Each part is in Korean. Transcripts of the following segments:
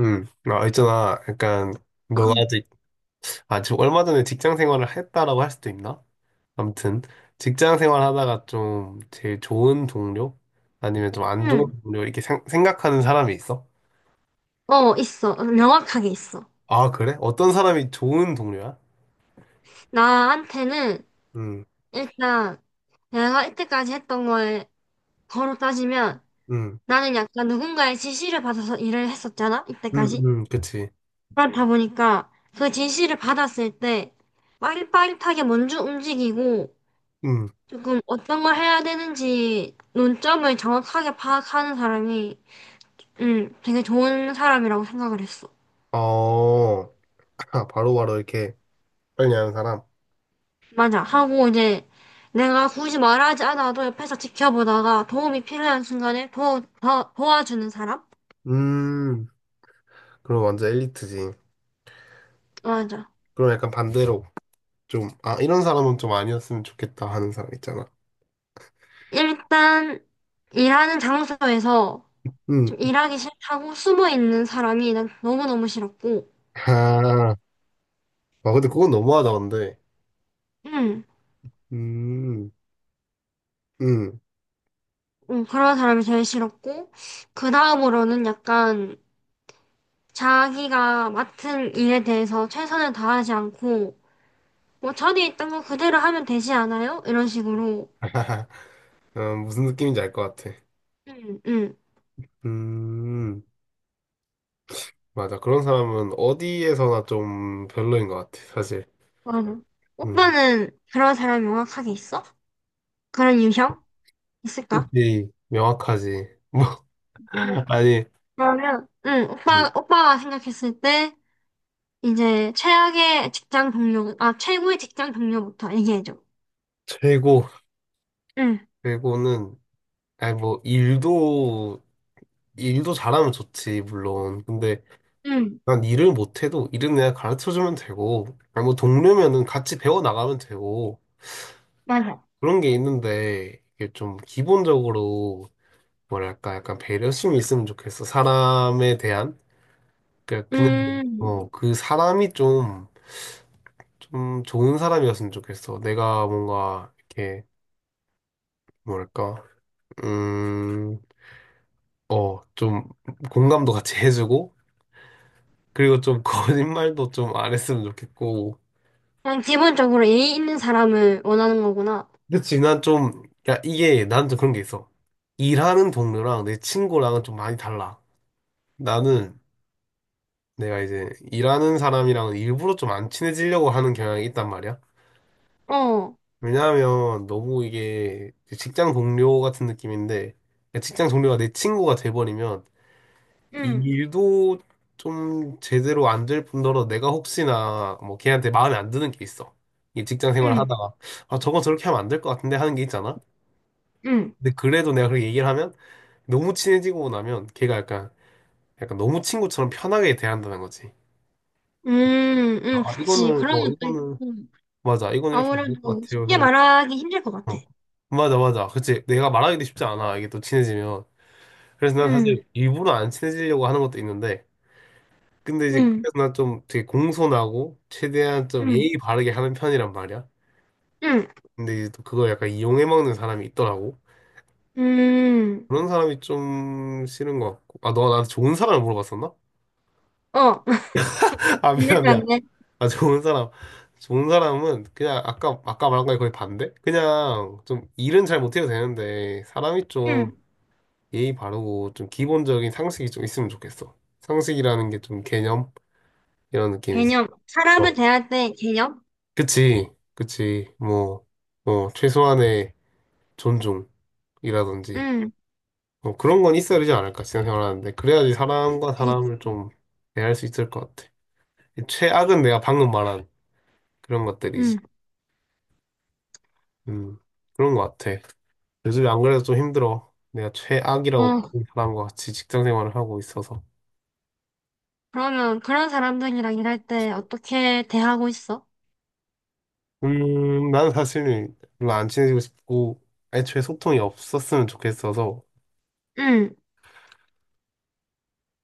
아, 있잖아. 약간, 너가 아직, 지금 얼마 전에 직장 생활을 했다라고 할 수도 있나? 아무튼, 직장 생활 하다가 좀 제일 좋은 동료? 아니면 좀 안 좋은 응, 동료? 이렇게 생각하는 사람이 있어? 어, 있어. 명확하게 있어. 아, 그래? 어떤 사람이 좋은 동료야? 나한테는 음, 일단 내가 이때까지 했던 거에 거로 따지면 음, 나는 약간 누군가의 지시를 받아서 일을 했었잖아, 이때까지. 그치. 그렇다 보니까 그 지시를 받았을 때 빠릿빠릿하게 먼저 움직이고 음, 조금 어떤 걸 해야 되는지 논점을 정확하게 파악하는 사람이 되게 좋은 사람이라고 생각을 했어. 어, 바로바로 이렇게 빨리 하는 사람? 맞아. 하고 이제 내가 굳이 말하지 않아도 옆에서 지켜보다가 도움이 필요한 순간에 도와주는 사람? 음, 그럼 완전 엘리트지. 맞아. 그럼 약간 반대로 이런 사람은 좀 아니었으면 좋겠다 하는 사람 있잖아. 일단 일하는 장소에서 음. 좀 일하기 싫다고 숨어 있는 사람이 난 너무너무 싫었고, 아, 근데 그건 너무하다, 근데. 음, 음, 음. 그런 사람이 제일 싫었고, 그 다음으로는 약간 자기가 맡은 일에 대해서 최선을 다하지 않고, 뭐 전에 있던 거 그대로 하면 되지 않아요? 이런 식으로. 무슨 느낌인지 알 것 같아. 음, 음. 음, 맞아. 그런 사람은 어디에서나 좀 별로인 것 같아, 사실. 맞아. 음. 오빠는 그런 사람이 명확하게 있어? 그런 유형? 있을까? 그치, 명확하지. 뭐, 네. 아니, 그러면, 응, 음, 오빠가 생각했을 때, 이제, 최악의 직장 동료, 아, 최고의 직장 동료부터 얘기해줘. 최고, 응, 최고는, 아니, 뭐, 일도 잘하면 좋지, 물론. 근데, 응, 난 일을 못해도, 일은 내가 가르쳐주면 되고, 아니, 뭐, 동료면은 같이 배워나가면 되고, 맞아. 그런 게 있는데 이게 좀 기본적으로 뭐랄까 약간 배려심이 있으면 좋겠어. 사람에 대한 그러니까 그냥 음, 어, 그 사람이 좀 좋은 사람이었으면 좋겠어. 내가 뭔가 이렇게 뭐랄까 음, 좀 공감도 같이 해주고 그리고 좀 거짓말도 좀 안 했으면 좋겠고. 그냥 기본적으로 예의 있는 사람을 원하는 거구나. 그치, 난 좀, 야, 이게, 난 좀 그런 게 있어. 일하는 동료랑 내 친구랑은 좀 많이 달라. 나는 내가 이제 일하는 사람이랑 일부러 좀 안 친해지려고 하는 경향이 있단 말이야. 어, 왜냐하면 너무 이게 직장 동료 같은 느낌인데 그러니까 직장 동료가 내 친구가 돼버리면 이 응, 일도 좀 제대로 안 될 뿐더러 내가 혹시나 뭐 걔한테 마음에 안 드는 게 있어. 이 직장 생활 응, 하다가 아 저거 저렇게 하면 안 될 것 같은데 하는 게 있잖아. 응. 근데 그래도 내가 그렇게 얘기를 하면 너무 친해지고 나면 걔가 약간 너무 친구처럼 편하게 대한다는 거지. 응, 아, 그치. 그런 것도 이거는 있고, 맞아. 이건 이렇게 안 될 것 아무래도 같아요. 쉽게 했는데. 말하기 힘들 것 같아. 어. 맞아, 맞아. 그치. 내가 말하기도 쉽지 않아. 이게 또 친해지면. 그래서 난 사실 응, 일부러 안 친해지려고 하는 것도 있는데. 근데 이제 응, 그래서 난 좀 되게 공손하고 최대한 좀 응, 예의 바르게 하는 편이란 말이야. 응. 근데 이제 또 그걸 약간 이용해 먹는 사람이 있더라고. 음, 그런 사람이 좀 싫은 것 같고. 아, 너가 나한테 좋은 사람을 물어봤었나? 어, 아, 근데 미안, 미안. 그렇네. 아, 좋은 사람. 좋은 사람은 그냥 아까 말한 거에 거의 반대? 그냥 좀 일은 잘 못해도 되는데 사람이 좀 음, 예의 바르고 좀 기본적인 상식이 좀 있으면 좋겠어. 상식이라는 게 좀 개념 이런 느낌이지. 개념. 사람을 어. 대할 때 개념? 그치, 그치. 뭐, 뭐 최소한의 존중이라든지 음, 뭐 그런 건 있어야 되지 않을까 생각을 하는데 그래야지 사람과 그게, 사람을 좀 대할 수 있을 것 같아. 최악은 내가 방금 말한 그런 것들이지. 음, 음, 그런 것 같아. 요즘에 안 그래도 좀 힘들어. 내가 최악이라고 어, 보는 사람과 같이 직장 생활을 하고 있어서. 그러면 그런 사람들이랑 일할 때 어떻게 대하고 있어? 난 사실은 별로 안 친해지고 싶고, 애초에 소통이 없었으면 좋겠어서, 음,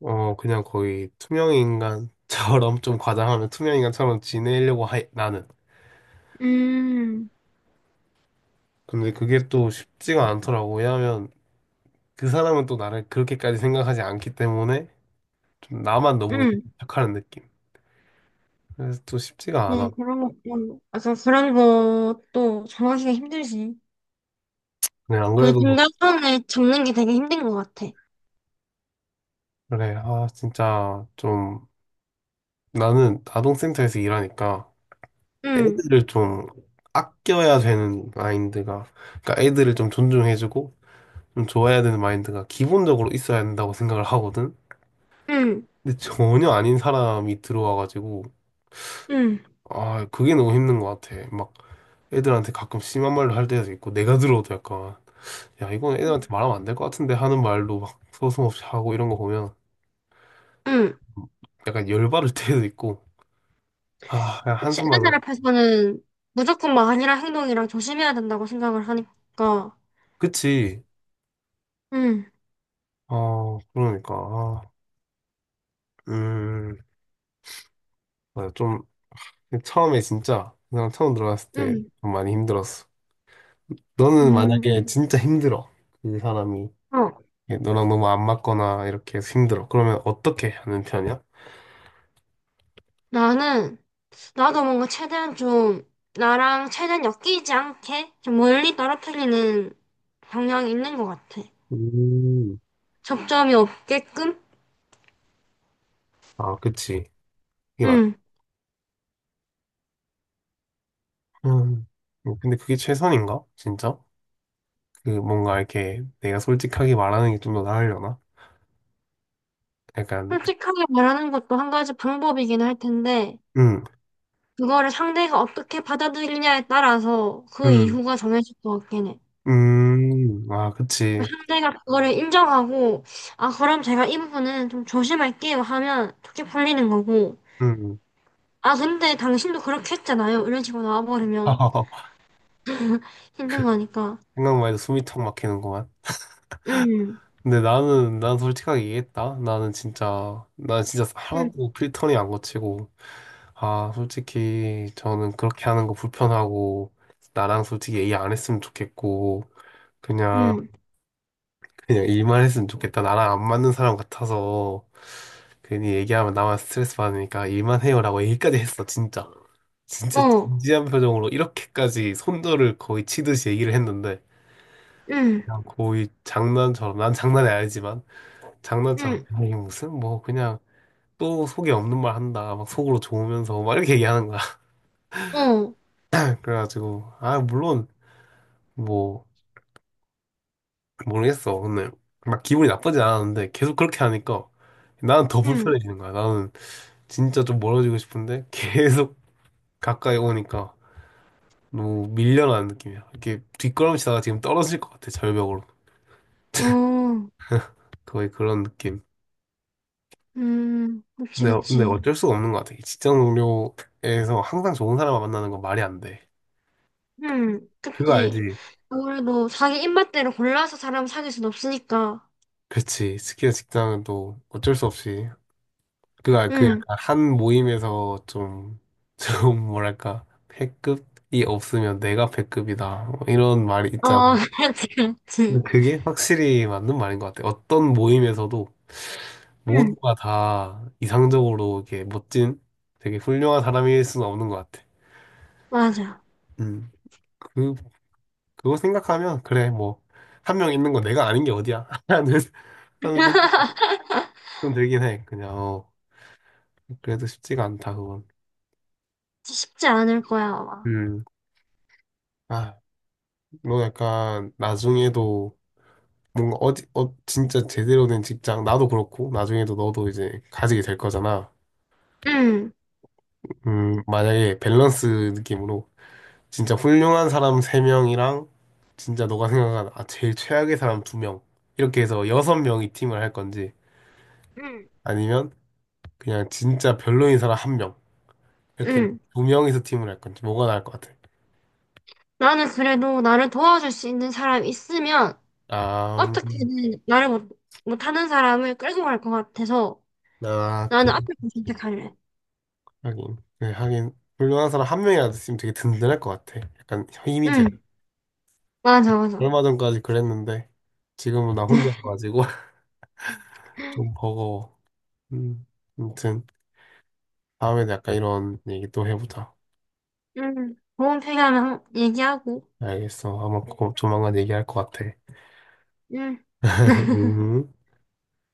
그냥 거의 투명인간처럼, 좀 과장하면 투명인간처럼 지내려고 해, 나는. 음, 근데 그게 또 쉽지가 않더라고. 왜냐하면 그 사람은 또 나를 그렇게까지 생각하지 않기 때문에, 좀 나만 너무 이렇게 음. 착하는 느낌. 그래서 또 쉽지가 네, 않아. 그런 거, 맞아, 그런 것도 정하기가 힘들지. 그냥 안 그 그래도, 중간선을 잡는 게 되게 힘든 것 같아. 진짜 좀, 나는 아동센터에서 일하니까, 음, 애들을 좀 아껴야 되는 마인드가, 그러니까 애들을 좀 존중해주고 좀 좋아해야 되는 마인드가 기본적으로 있어야 된다고 생각을 하거든. 음, 근데 전혀 아닌 사람이 들어와가지고 음, 아 그게 너무 힘든 것 같아. 막 애들한테 가끔 심한 말로 할 때도 있고 내가 들어도 약간 야 이건 애들한테 음. 말하면 안 될 것 같은데 하는 말로 막 서슴없이 하고 이런 거 보면 음. 약간 열받을 때도 있고 아 그냥 혹시 한숨만 나. 회사를 펴서는 무조건 막 아니라 행동이랑 조심해야 된다고 생각을 하니까. 그치. 응, 어 그러니까 아, 음 맞아. 좀 처음에 진짜 그 사람 처음 들어갔을 때 응, 좀 많이 힘들었어. 너는 만약에 음. 진짜 힘들어. 그 사람이 어, 너랑 너무 안 맞거나 이렇게 해서 힘들어. 그러면 어떻게 하는 편이야? 나는, 나도 뭔가 최대한 좀, 나랑 최대한 엮이지 않게, 좀 멀리 떨어뜨리는 경향이 있는 것 같아. 음. 접점이 없게끔? 아, 그치. 이게 맞. 응. 음. 근데 그게 최선인가? 진짜? 그 뭔가 이렇게 내가 솔직하게 말하는 게 좀 더 나으려나? 약간 솔직하게 말하는 것도 한 가지 방법이긴 할 텐데, 음, 그거를 상대가 어떻게 받아들이냐에 따라서 그 음, 이후가 정해질 것 같긴 해. 아, 그 그치. 상대가 그거를 인정하고, 아, 그럼 제가 이 부분은 좀 조심할게요 하면 좋게 풀리는 거고, 음. 아, 근데 당신도 그렇게 했잖아요. 이런 식으로 나와버리면 힘든 그 거니까. 생각만 해도 숨이 턱 막히는구만. 응, 근데 나는 난 솔직하게 얘기했다. 나는 진짜 난 진짜 응, 하나도 필터링 안 거치고 아 솔직히 저는 그렇게 하는 거 불편하고 나랑 솔직히 얘기 안 했으면 좋겠고 그냥 응, 그냥 일만 했으면 좋겠다. 나랑 안 맞는 사람 같아서 괜히 얘기하면 나만 스트레스 받으니까 일만 해요라고 얘기까지 했어 진짜 진짜 어, 진지한 표정으로 이렇게까지 손절을 거의 치듯이 얘기를 했는데 응, 그냥 거의 장난처럼 난 장난이 아니지만. 장난처럼 응, "아, 이게 무슨 뭐 그냥 또 속에 없는 말 한다 막 속으로 좋으면서 막 이렇게 얘기하는 거야 어, 그래가지고 아 물론 뭐 모르겠어 근데 막 기분이 나쁘진 않았는데 계속 그렇게 하니까 나는 더 응, 불편해지는 거야 나는 진짜 좀 멀어지고 싶은데 계속 가까이 오니까 너무 밀려나는 느낌이야 이렇게 뒷걸음치다가 지금 떨어질 것 같아 절벽으로 어, 거의 그런 느낌 그치, 근데 그치. 어쩔 수가 없는 것 같아 직장 동료에서 항상 좋은 사람만 만나는 건 말이 안 돼 응, 그거 그치. 알지? 아무래도 자기 입맛대로 골라서 사람 사귈 순 없으니까. 그치. 스키나 직장은 또 어쩔 수 없이. 그 응, 약간 한 모임에서 좀, 좀 뭐랄까, 패급이 없으면 내가 패급이다. 뭐 이런 말이 있잖아. 어, 그렇지, 근데 그렇지. 그게 확실히 맞는 말인 것 같아. 어떤 모임에서도 응, 모두가 다 이상적으로 이렇게 멋진, 되게 훌륭한 사람일 수는 없는 것 같아. 맞아. 음. 그, 그거 생각하면, 그래, 뭐, 한 명 있는 거 내가 아닌 게 어디야? 하는 생각 좀 들긴 해. 그냥, 어, 그래도 쉽지가 않다, 그건. 쉽지 않을 거야, 아마. 음. 아, 너 약간 나중에도 뭔가 진짜 제대로 된 직장, 나도 그렇고, 나중에도 너도 이제 가지게 될 거잖아. 응, 만약에 밸런스 느낌으로 진짜 훌륭한 사람 세명이랑 진짜 너가 생각한 아, 제일 최악의 사람 두명 이렇게 해서 여섯 명이 팀을 할 건지 응, 아니면 그냥 진짜 별로인 사람 한 명 이렇게 응. 두명이서 팀을 할 건지 뭐가 나을 것 같아? 나는 그래도 나를 도와줄 수 있는 사람이 있으면 아, 음, 어떻게든 말을 못, 못하는 사람을 끌고 갈 것 같아서 아, 나는 그 앞에 거 선택할래. 하긴. 네, 하긴. 훌륭한 사람 한 명이라도 있으면 되게 든든할 것 같아. 약간 힘이 돼. 응, 맞아, 맞아. 얼마 전까지 그랬는데, 지금은 나 혼자 가지고 좀 버거워. 음, 아무튼, 다음에도 약간 이런 얘기 또 해보자. 응, 도움 필요하면 한- 얘기하고. 알겠어. 아마 곧 조만간 얘기할 것 같아. 응. 음.